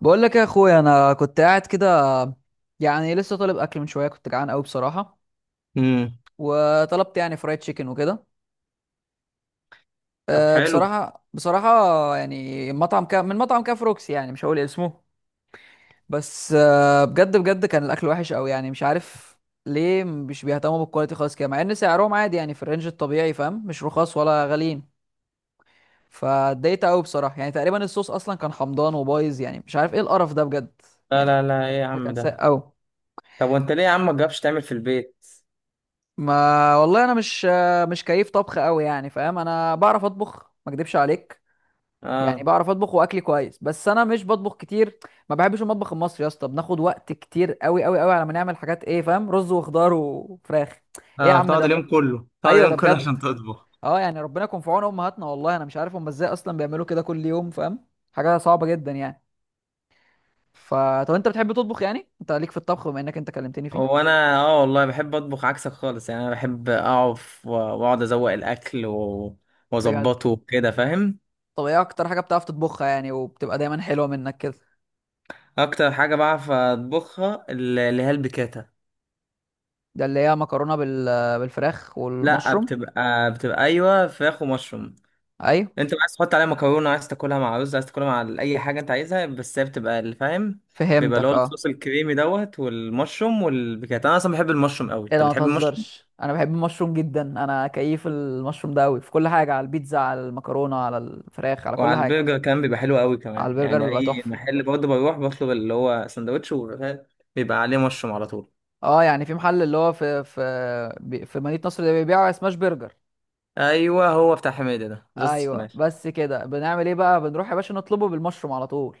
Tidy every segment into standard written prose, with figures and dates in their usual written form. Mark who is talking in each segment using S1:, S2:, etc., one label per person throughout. S1: بقول لك يا اخويا، انا كنت قاعد كده يعني لسه طالب اكل من شويه، كنت جعان قوي بصراحه
S2: امم
S1: وطلبت يعني فرايد تشيكن وكده.
S2: طب حلو.
S1: بصراحه بصراحه يعني مطعم كا من مطعم كاف روكسي، يعني مش هقول اسمه بس أه بجد بجد كان الاكل وحش قوي، يعني مش عارف ليه مش بيهتموا بالكواليتي خالص كده، مع ان سعرهم عادي يعني في الرينج الطبيعي فاهم، مش رخاص ولا غاليين. فاتضايقت قوي بصراحه، يعني تقريبا الصوص اصلا كان حمضان وبايظ، يعني مش عارف ايه القرف ده بجد.
S2: لا
S1: يعني
S2: لا لا، ايه يا
S1: الأكل
S2: عم
S1: كان ساق
S2: ده؟
S1: قوي.
S2: طب وانت ليه يا عم ما تجربش تعمل في البيت؟
S1: ما والله انا مش كيف طبخ قوي يعني فاهم، انا بعرف اطبخ ما اكدبش عليك، يعني
S2: اه
S1: بعرف اطبخ واكلي كويس بس انا مش بطبخ كتير. ما بحبش المطبخ المصري يا اسطى، بناخد وقت كتير قوي قوي قوي على ما نعمل حاجات ايه فاهم، رز وخضار وفراخ. ايه يا
S2: اه،
S1: عم
S2: تقعد
S1: ده،
S2: اليوم كله تقعد
S1: ايوه ده
S2: اليوم كله
S1: بجد.
S2: عشان تطبخ.
S1: اه يعني ربنا يكون في عون امهاتنا، والله انا مش عارف هم ازاي اصلا بيعملوا كده كل يوم فاهم، حاجه صعبه جدا يعني. ف طب انت بتحب تطبخ يعني، انت ليك في الطبخ بما انك انت كلمتني فيه؟
S2: هو انا، والله بحب اطبخ عكسك خالص، يعني انا بحب اقف واقعد ازوق الاكل
S1: بجد.
S2: واظبطه وكده، فاهم؟
S1: طب ايه اكتر حاجه بتعرف تطبخها يعني، وبتبقى دايما حلوه منك كده؟
S2: اكتر حاجه بعرف اطبخها اللي هي البيكاتا.
S1: ده اللي هي مكرونة بالفراخ
S2: لا،
S1: والمشروم.
S2: بتبقى ايوه فراخ ومشروم.
S1: ايوه،
S2: انت عايز تحط عليها مكرونه، عايز تاكلها مع رز، عايز تاكلها مع اي حاجه انت عايزها، بس هي بتبقى اللي فاهم. بيبقى اللي هو
S1: فهمتك اه.
S2: الصوص الكريمي دوت والمشروم والبيكات. انا اصلا بحب المشروم قوي،
S1: ايه
S2: انت
S1: ده ما
S2: بتحب المشروم؟
S1: تهزرش، انا بحب المشروم جدا، انا كيف المشروم ده قوي في كل حاجة، على البيتزا، على المكرونة، على الفراخ، على كل
S2: وعلى
S1: حاجة.
S2: البرجر كمان بيبقى حلو قوي
S1: على
S2: كمان،
S1: البرجر
S2: يعني
S1: بيبقى
S2: اي
S1: تحفة.
S2: محل برضه بروح بطلب اللي هو سندوتش وبيبقى، بيبقى عليه مشروم على طول.
S1: اه يعني في محل اللي هو في في مدينة نصر اللي بيبيعوا سماش برجر.
S2: ايوه، هو بتاع حميدة ده جاست
S1: ايوه
S2: ماشي.
S1: بس كده، بنعمل ايه بقى، بنروح يا باشا نطلبه بالمشروم على طول،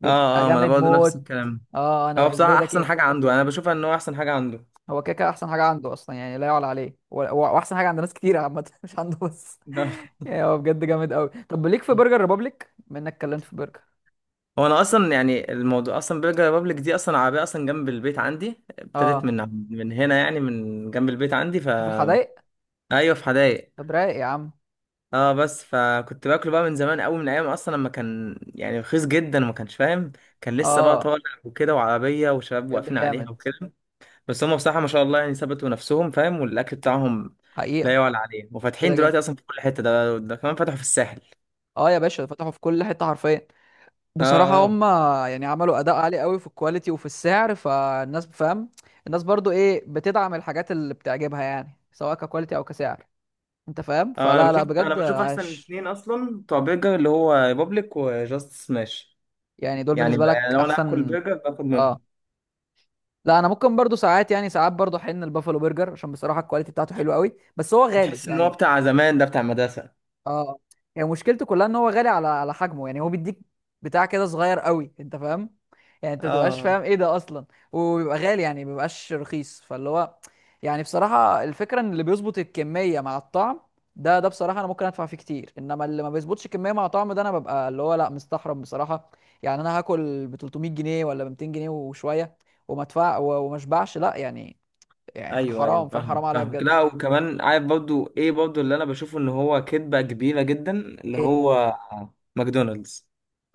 S1: بيبقى
S2: اه اه، ما انا
S1: جامد
S2: برضه نفس
S1: موت.
S2: الكلام.
S1: اه انا
S2: هو
S1: بالنسبة لي
S2: بصراحه
S1: ده
S2: احسن
S1: كيف.
S2: حاجه عنده، انا بشوفها ان هو احسن حاجه عنده.
S1: هو كده كده احسن حاجه عنده اصلا يعني، لا يعلى عليه، هو احسن حاجه عند ناس كتير عامه مش عنده بس. يعني هو بجد جامد قوي. طب ليك في برجر ريبابليك بما انك اتكلمت في برجر؟
S2: هو انا اصلا يعني الموضوع، اصلا برجر ريبابليك دي اصلا عربيه اصلا جنب البيت عندي، ابتدت
S1: اه.
S2: من هنا، يعني من جنب البيت عندي.
S1: انت في الحدايق؟
S2: ايوه، في حدايق.
S1: طب رايق يا عم.
S2: اه، بس فكنت باكله بقى من زمان قوي، من ايام اصلا لما كان يعني رخيص جدا وما كانش فاهم، كان لسه بقى
S1: اه
S2: طالع وكده، وعربيه وشباب
S1: بجد
S2: واقفين
S1: جامد.
S2: عليها وكده. بس هم بصراحه ما شاء الله يعني ثبتوا نفسهم، فاهم، والاكل بتاعهم لا
S1: حقيقه.
S2: يعلى عليه، وفاتحين
S1: كده
S2: دلوقتي
S1: كده.
S2: اصلا في كل حته، ده كمان فتحوا في الساحل.
S1: اه يا باشا فتحوا في كل حته حرفيا،
S2: اه
S1: بصراحه
S2: اه.
S1: هم يعني عملوا اداء عالي قوي في الكواليتي وفي السعر، فالناس فاهم، الناس برضو ايه، بتدعم الحاجات اللي بتعجبها يعني، سواء ككواليتي او كسعر، انت فاهم.
S2: انا
S1: فلا لا
S2: بشوف انا
S1: بجد
S2: بشوف احسن
S1: عاش.
S2: اتنين اصلا بتوع برجر اللي هو بابليك وجاست سماش.
S1: يعني دول
S2: يعني
S1: بالنسبه لك
S2: يعني لو انا هاكل
S1: احسن.
S2: برجر باخد
S1: اه،
S2: منهم.
S1: لا انا ممكن برضو ساعات، يعني ساعات برضو احن البافلو برجر، عشان بصراحه الكواليتي بتاعته حلوه قوي بس هو غالي
S2: تحس ان هو
S1: يعني.
S2: بتاع زمان، ده بتاع مدرسه.
S1: اه يعني مشكلته كلها ان هو غالي على على حجمه، يعني هو بيديك بتاع كده صغير قوي، انت فاهم، يعني انت متبقاش
S2: اه
S1: فاهم ايه ده اصلا، وبيبقى غالي يعني مبيبقاش رخيص. فاللي هو يعني بصراحة الفكرة ان اللي بيظبط الكمية مع الطعم ده ده بصراحة انا ممكن ادفع فيه كتير، انما اللي ما بيظبطش الكمية مع طعم ده انا ببقى اللي هو لا مستحرم بصراحة. يعني انا هاكل ب 300 جنيه ولا ب 200 جنيه وشوية وما ادفع وما اشبعش، لا يعني، يعني
S2: ايوه
S1: حرام
S2: ايوه،
S1: فاهم حرام
S2: فاهم
S1: عليا
S2: فاهمك.
S1: بجد.
S2: لا وكمان عارف برضو، ايه برضو اللي انا بشوفه ان هو كدبه كبيره جدا اللي
S1: ايه.
S2: هو ماكدونالدز.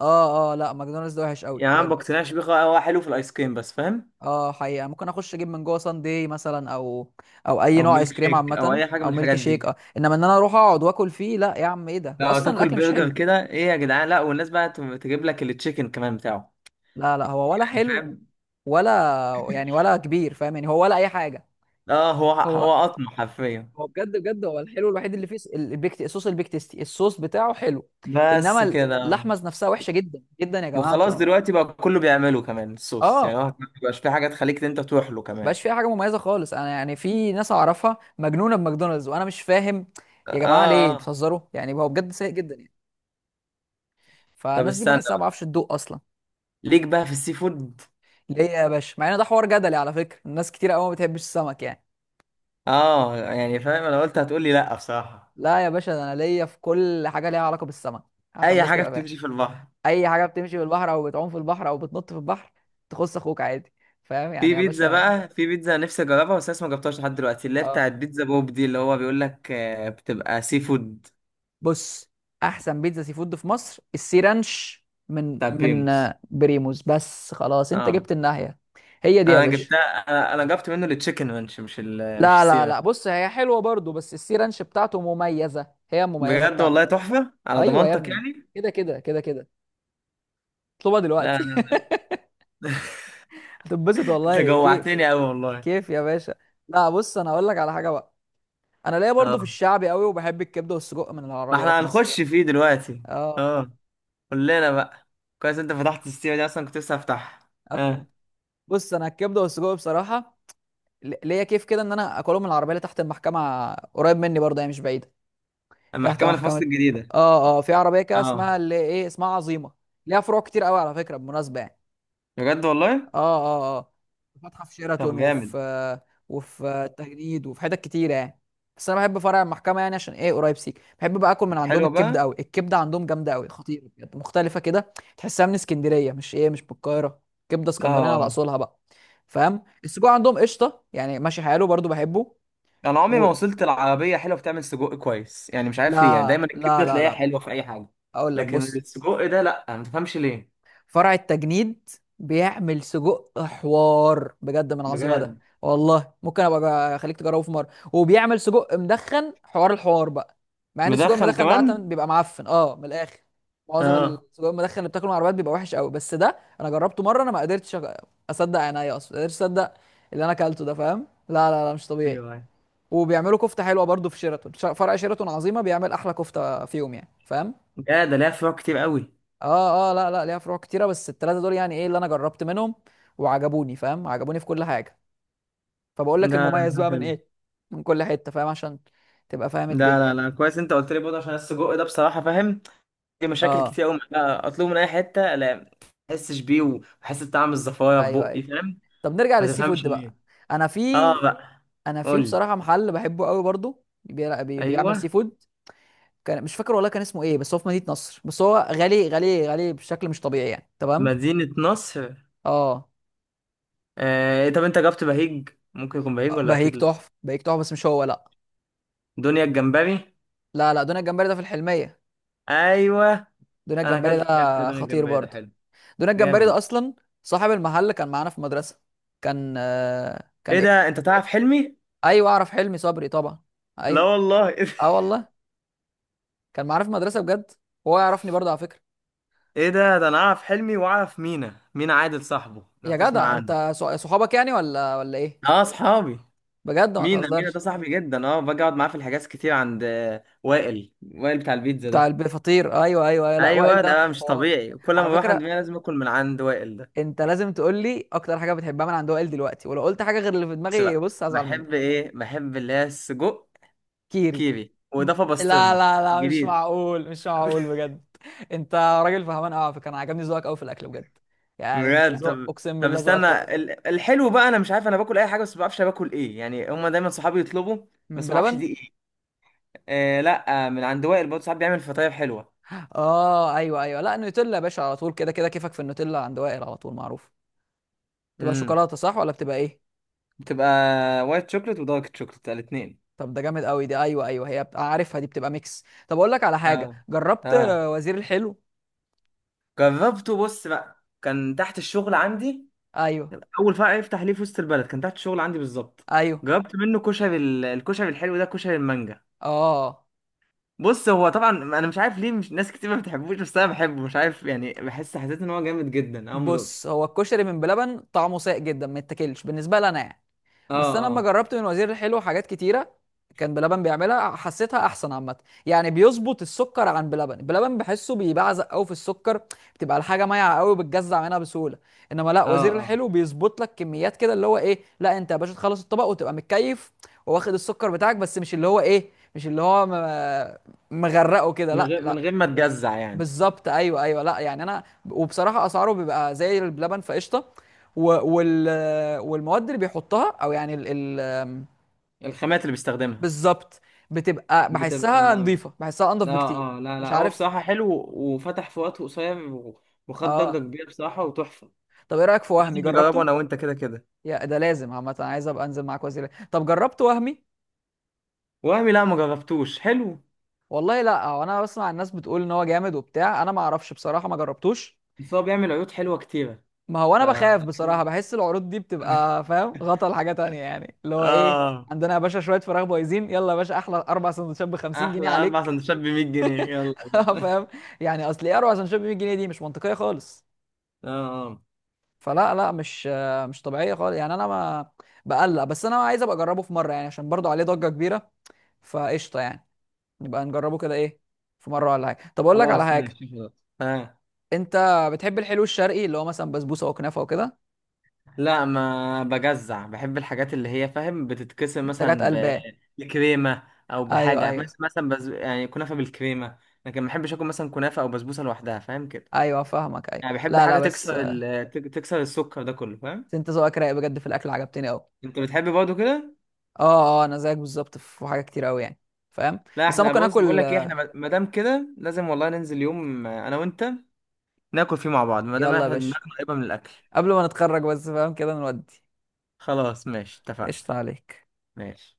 S1: اه اه لا ماكدونالدز ده وحش قوي
S2: يعني انا ما
S1: بجد.
S2: بقتنعش بيه خالص، هو حلو في الايس كريم بس، فاهم.
S1: اه حقيقة، ممكن اخش اجيب من جوه سان داي مثلا او او اي
S2: او
S1: نوع
S2: ميلك
S1: ايس كريم
S2: شيك او
S1: عامة
S2: اي حاجه من
S1: او ميلك
S2: الحاجات
S1: شيك
S2: دي.
S1: اه، انما ان انا اروح اقعد واكل فيه لا يا عم ايه ده،
S2: لا،
S1: واصلا
S2: تاكل
S1: الاكل مش
S2: برجر
S1: حلو.
S2: كده؟ ايه يا جدعان، لا، والناس بقى تجيب لك التشيكن كمان بتاعه.
S1: لا لا هو ولا
S2: يعني
S1: حلو
S2: فاهم.
S1: ولا يعني ولا كبير فاهم، يعني هو ولا اي حاجة.
S2: اه، هو
S1: هو
S2: هو قطمة حرفيا.
S1: هو بجد بجد هو الحلو الوحيد اللي فيه البيك الصوص، البيك تيستي الصوص بتاعه حلو،
S2: بس
S1: انما
S2: كده.
S1: اللحمة نفسها وحشة جدا جدا يا جماعة
S2: وخلاص
S1: انتوا.
S2: دلوقتي بقى كله بيعمله كمان الصوص، يعني هو
S1: اه
S2: ما بيبقاش في حاجة تخليك انت تروح له كمان.
S1: بقاش فيها حاجه مميزه خالص. انا يعني في ناس اعرفها مجنونه بماكدونالدز وانا مش فاهم،
S2: اه
S1: يا جماعه ليه انتوا
S2: اه.
S1: بتهزروا يعني، هو بجد سيء جدا يعني،
S2: طب
S1: فالناس دي
S2: استنى
S1: بحسها ما
S2: بقى.
S1: بعرفش تدوق اصلا.
S2: ليك بقى في السي فود؟
S1: ليه يا باشا، مع ان ده حوار جدلي على فكره، الناس كتير قوي ما بتحبش السمك يعني.
S2: اه يعني فاهم، انا قلت هتقول لي لا بصراحة.
S1: لا يا باشا، ده انا ليا في كل حاجه ليها علاقه بالسمك، عشان
S2: اي
S1: بس
S2: حاجة
S1: تبقى فاهم،
S2: بتمشي في البحر.
S1: اي حاجه بتمشي بالبحر او بتعوم في البحر او بتنط في البحر تخص اخوك عادي، فاهم يعني
S2: في
S1: يا
S2: بيتزا
S1: باشا.
S2: بقى في بيتزا نفسي اجربها، بس لسه ما جربتهاش لحد دلوقتي، اللي هي
S1: اه.
S2: بتاعت بيتزا بوب دي، اللي هو بيقول لك بتبقى سي فود.
S1: بص، احسن بيتزا سي فود في مصر السي رانش من
S2: بتاع
S1: من
S2: بريموس.
S1: آه، بريموز، بس خلاص انت
S2: اه،
S1: جبت الناحيه. هي دي يا
S2: انا
S1: باشا.
S2: جبتها. انا جبت منه التشيكن رانش، مش ال مش
S1: لا لا
S2: السي.
S1: لا بص، هي حلوه برضو بس السي رانش بتاعته مميزه، هي المميزه
S2: بجد
S1: بتاعته.
S2: والله تحفة، على
S1: ايوه يا
S2: ضمانتك
S1: ابني،
S2: يعني.
S1: كده كده كده كده، اطلبها
S2: لا
S1: دلوقتي
S2: لا.
S1: هتنبسط
S2: انت
S1: والله كيف.
S2: جوعتني قوي والله.
S1: كيف يا باشا. لا بص انا اقول لك على حاجه بقى، انا ليا برضو في
S2: اه،
S1: الشعبي قوي، وبحب الكبده والسجق من
S2: ما احنا
S1: العربيات مثلا.
S2: هنخش فيه دلوقتي.
S1: اه.
S2: اه، قول لنا بقى. كويس، انت فتحت السيرة دي، اصلا كنت لسه هفتحها.
S1: آه.
S2: اه.
S1: بص انا الكبده والسجق بصراحه ليا كيف كده ان انا اكلهم من العربيه اللي تحت المحكمه قريب مني، برضه هي مش بعيده. تحت
S2: المحكمة اللي في مصر
S1: محكمه،
S2: الجديدة؟
S1: اه اه في عربيه كده
S2: اه.
S1: اسمها اللي ايه اسمها عظيمه، ليها فروع كتير قوي على فكره بالمناسبه يعني.
S2: بجد والله.
S1: اه اه اه. فاتحه في شيراتون،
S2: طب جامد.
S1: وفي التجنيد، وفي حتت كتيره يعني. بس انا بحب فرع المحكمه يعني عشان ايه قريب سيك، بحب بقى اكل من عندهم
S2: حلوة
S1: الكبده
S2: بقى.
S1: قوي، الكبده عندهم جامده قوي، خطيره بجد، مختلفه كده، تحسها من اسكندريه مش ايه مش من القاهره، كبده اسكندراني على
S2: اه،
S1: اصولها بقى. فاهم، السجق عندهم قشطه يعني، ماشي حاله برضو بحبه.
S2: انا عمري
S1: و...
S2: ما وصلت العربية حلوة بتعمل سجق كويس، يعني مش عارف ليه، يعني
S1: لا
S2: دايما
S1: لا
S2: الكبدة
S1: لا
S2: تلاقيها
S1: لا،
S2: حلوة في اي حاجة،
S1: اقول لك
S2: لكن
S1: بص،
S2: السجق ده لا، ما تفهمش ليه.
S1: فرع التجنيد بيعمل سجق حوار بجد من عظيمه ده،
S2: بجد؟
S1: والله ممكن ابقى اخليك تجربه في مره. وبيعمل سجق مدخن حوار الحوار بقى، مع ان السجق
S2: مدخن
S1: المدخن ده عاده
S2: كمان؟
S1: بيبقى معفن اه من الاخر، معظم
S2: اه
S1: السجق المدخن اللي بتاكله من العربيات بيبقى وحش قوي، بس ده انا جربته مره انا، ما قدرتش اصدق عينيا، اصلا ما قدرتش اصدق اللي انا اكلته ده فاهم، لا لا لا مش طبيعي.
S2: ايوه أيوه.
S1: وبيعملوا كفته حلوه برضو في شيراتون، فرع شيراتون عظيمه بيعمل احلى كفته فيهم يعني فاهم.
S2: يا ده ليها فروع كتير قوي.
S1: اه اه لا لا ليها فروع كتيره بس الثلاثه دول يعني ايه اللي انا جربت منهم وعجبوني فاهم، عجبوني في كل حاجه. فبقول لك
S2: ده لا
S1: المميز
S2: لا،
S1: بقى من
S2: حلو.
S1: ايه، من كل حته فاهم، عشان تبقى فاهم
S2: ده لا
S1: الدنيا.
S2: لا، كويس انت قلت لي برضه عشان السجق ده بصراحه فاهم، في مشاكل
S1: اه
S2: كتير قوي معاه، اطلبه من اي حته، لا ما احسش بيه واحس بطعم الزفاره في
S1: ايوه
S2: بقي،
S1: ايوه.
S2: فاهم.
S1: طب نرجع
S2: ما
S1: للسي
S2: تفهمش
S1: فود
S2: ليه.
S1: بقى. انا في
S2: اه بقى.
S1: انا في
S2: قول لي.
S1: بصراحه محل بحبه قوي برضو بيعمل سي
S2: ايوه.
S1: فود، كان مش فاكر والله كان اسمه ايه، بس هو في مدينه نصر، بس هو غالي غالي غالي بشكل مش طبيعي يعني، تمام.
S2: مدينه نصر؟
S1: اه.
S2: آه إيه، طب انت جبت بهيج؟ ممكن يكون بهيج ولا
S1: بهيك
S2: اكيد لا.
S1: تحفه، بهيك تحفه بس مش هو لا.
S2: دنيا الجمبري.
S1: لا لا دون الجمبري ده في الحلميه.
S2: ايوه،
S1: دون
S2: انا
S1: الجمبري
S2: اكلت فيها قبل كده،
S1: ده
S2: دنيا
S1: خطير
S2: الجمبري ده
S1: برضو،
S2: حلو.
S1: دون الجمبري ده
S2: جامد.
S1: اصلا صاحب المحل كان معانا في المدرسه، كان آه كان
S2: ايه ده،
S1: ايه.
S2: انت تعرف حلمي؟
S1: ايوه اعرف حلمي صبري طبعا،
S2: لا
S1: ايوه.
S2: والله.
S1: اه والله، كان معانا في المدرسه بجد، هو يعرفني برضه على فكره.
S2: ايه ده انا اعرف حلمي واعرف مينا مينا عادل صاحبه، لو
S1: يا
S2: تسمع
S1: جدع
S2: عنه.
S1: انت صحابك يعني ولا ولا ايه؟
S2: اه، صحابي.
S1: بجد ما
S2: مينا ده
S1: تهزرش.
S2: صاحبي جدا، اه، باجي اقعد معاه في الحجاز كتير، عند وائل بتاع البيتزا
S1: بتاع
S2: ده.
S1: الفطير ايوه ايوه ايوه، لا وائل
S2: ايوه، ده
S1: ده
S2: بقى مش
S1: حوار.
S2: طبيعي، كل
S1: على
S2: ما بروح عند مينا
S1: فكره
S2: لازم اكل من عند وائل ده.
S1: انت لازم تقول لي اكتر حاجه بتحبها من عند وائل دلوقتي، ولو قلت حاجه غير اللي في
S2: بس
S1: دماغي
S2: بقى،
S1: بص هزعل
S2: بحب
S1: منك.
S2: ايه بحب اللي هي السجق
S1: كيري.
S2: كيري
S1: ب...
S2: واضافه
S1: لا
S2: بسطرمه.
S1: لا لا مش
S2: جديد.
S1: معقول مش معقول بجد. انت راجل فهمان قوي على فكره، انا عجبني ذوقك قوي في الاكل بجد، يعني انت
S2: بجد
S1: ذوق،
S2: طب.
S1: اقسم
S2: طب
S1: بالله ذوقك
S2: استنى
S1: تحفه.
S2: الحلو بقى، انا مش عارف، انا باكل اي حاجه، بس ما بعرفش أنا باكل ايه، يعني هما دايما صحابي يطلبوا،
S1: من
S2: بس ما اعرفش
S1: بلبن.
S2: دي ايه. آه لا، من عند وائل برضه ساعات بيعمل فطاير حلوه.
S1: اه ايوه ايوه، لا النوتيلا يا باشا على طول كده كده، كيفك في النوتيلا عند وائل على طول معروف. تبقى
S2: امم
S1: شوكولاته صح ولا بتبقى ايه؟
S2: بتبقى وايت شوكليت ودارك شوكليت الاثنين.
S1: طب ده جامد قوي دي، ايوه ايوه هي بت- عارفها دي بتبقى ميكس. طب اقول لك على حاجه،
S2: اه
S1: جربت
S2: اه،
S1: وزير الحلو؟
S2: جربته. بص بقى، كان تحت الشغل عندي،
S1: ايوه
S2: اول فرع يفتح ليه في وسط البلد كان تحت الشغل عندي بالظبط.
S1: ايوه.
S2: جربت منه كشري الكشري الحلو ده، كشري المانجا.
S1: اه
S2: بص، هو طبعا انا مش عارف ليه مش ناس كتير ما بتحبوش، بس انا بحبه، مش عارف يعني، بحس، حسيت ان هو جامد جدا اول ما دقته.
S1: بص، هو الكشري من بلبن طعمه سيء جدا، ما يتاكلش بالنسبه لي انا يعني.
S2: اه
S1: بس انا لما
S2: اه
S1: جربت من وزير الحلو حاجات كتيره كان بلبن بيعملها، حسيتها احسن عامه، يعني بيظبط السكر عن بلبن، بلبن بحسه بيبعزق قوي في السكر، بتبقى الحاجه مايعه قوي بتجزع منها بسهوله، انما لا
S2: اه
S1: وزير
S2: اه.
S1: الحلو بيظبط لك كميات كده اللي هو ايه، لا انت يا باشا تخلص الطبق وتبقى متكيف وواخد السكر بتاعك، بس مش اللي هو ايه مش اللي هو مغرقه كده،
S2: من
S1: لا
S2: غير من
S1: لا.
S2: غير ما تجزع يعني.
S1: بالظبط ايوه ايوه لا يعني انا. وبصراحه اسعاره بيبقى زي اللبن فقشطه. و... وال... والمواد اللي بيحطها او يعني ال...
S2: الخامات اللي بيستخدمها.
S1: بالظبط. بتبقى
S2: بتبقى.
S1: بحسها نظيفه، بحسها انضف بكتير.
S2: اه اه، لا
S1: مش
S2: لا، هو
S1: عارف.
S2: بصراحة حلو وفتح في وقت قصير وخد ضجة
S1: اه.
S2: كبيرة بصراحة وتحفة.
S1: طب ايه رايك في
S2: لازم
S1: وهمي،
S2: نجربه
S1: جربته؟
S2: انا وانت كده كده.
S1: يا ده لازم عامه، أنا عايز ابقى انزل معاك وسيله. طب جربت وهمي؟
S2: وهمي؟ لا ما جربتوش حلو،
S1: والله لا، هو انا بسمع الناس بتقول ان هو جامد وبتاع، انا ما اعرفش بصراحه ما جربتوش.
S2: بس هو بيعمل عيوط حلوة كتيرة.
S1: ما هو
S2: ف
S1: انا بخاف بصراحه، بحس العروض دي بتبقى فاهم غطا لحاجه تانية يعني اللي هو ايه،
S2: اه،
S1: عندنا يا باشا شويه فراخ بايظين يلا يا باشا احلى اربع سندوتشات ب 50 جنيه
S2: احلى اربع
S1: عليك.
S2: سندوتشات ب 100 جنيه، يلا يا باشا.
S1: فاهم، يعني اصل ايه اربع سندوتشات ب 100 جنيه دي مش منطقيه خالص.
S2: اه اه.
S1: فلا لا مش مش طبيعيه خالص يعني انا ما بقلق، بس انا عايز ابقى اجربه في مره يعني عشان برضو عليه ضجه كبيره فقشطه يعني. نبقى نجربه كده ايه في مره ولا حاجه. طب اقول لك على
S2: خلاص
S1: حاجه،
S2: ماشي خلاص. آه.
S1: انت بتحب الحلو الشرقي اللي هو مثلا بسبوسه وكنافه وكده؟
S2: لا ما بجزع، بحب الحاجات اللي هي فاهم بتتكسر،
S1: منتجات
S2: مثلا
S1: قلبان.
S2: بكريمة، او
S1: ايوه
S2: بحاجة
S1: ايوه
S2: مثلا يعني كنافة بالكريمة، لكن ما بحبش اكل مثلا كنافة او بسبوسة لوحدها، فاهم كده.
S1: ايوه فاهمك ايوه،
S2: يعني بحب
S1: لا لا
S2: حاجة
S1: بس
S2: تكسر تكسر السكر ده كله، فاهم.
S1: انت ذوقك رايق بجد في الاكل، عجبتني قوي.
S2: انت بتحب برضه كده؟
S1: اه اه انا زيك بالظبط في حاجه كتير قوي يعني فاهم،
S2: لا،
S1: بس انا
S2: احنا
S1: ممكن
S2: بص بقول
S1: اكل
S2: لك ايه، احنا ما دام كده لازم والله ننزل يوم، انا وانت ناكل فيه مع بعض، ما دام
S1: يلا يا
S2: احنا دماغنا
S1: باشا،
S2: قريبة من الاكل.
S1: قبل ما نتخرج بس فاهم كده نودي.
S2: خلاص ماشي اتفقنا.
S1: قشطه عليك.
S2: ماشي.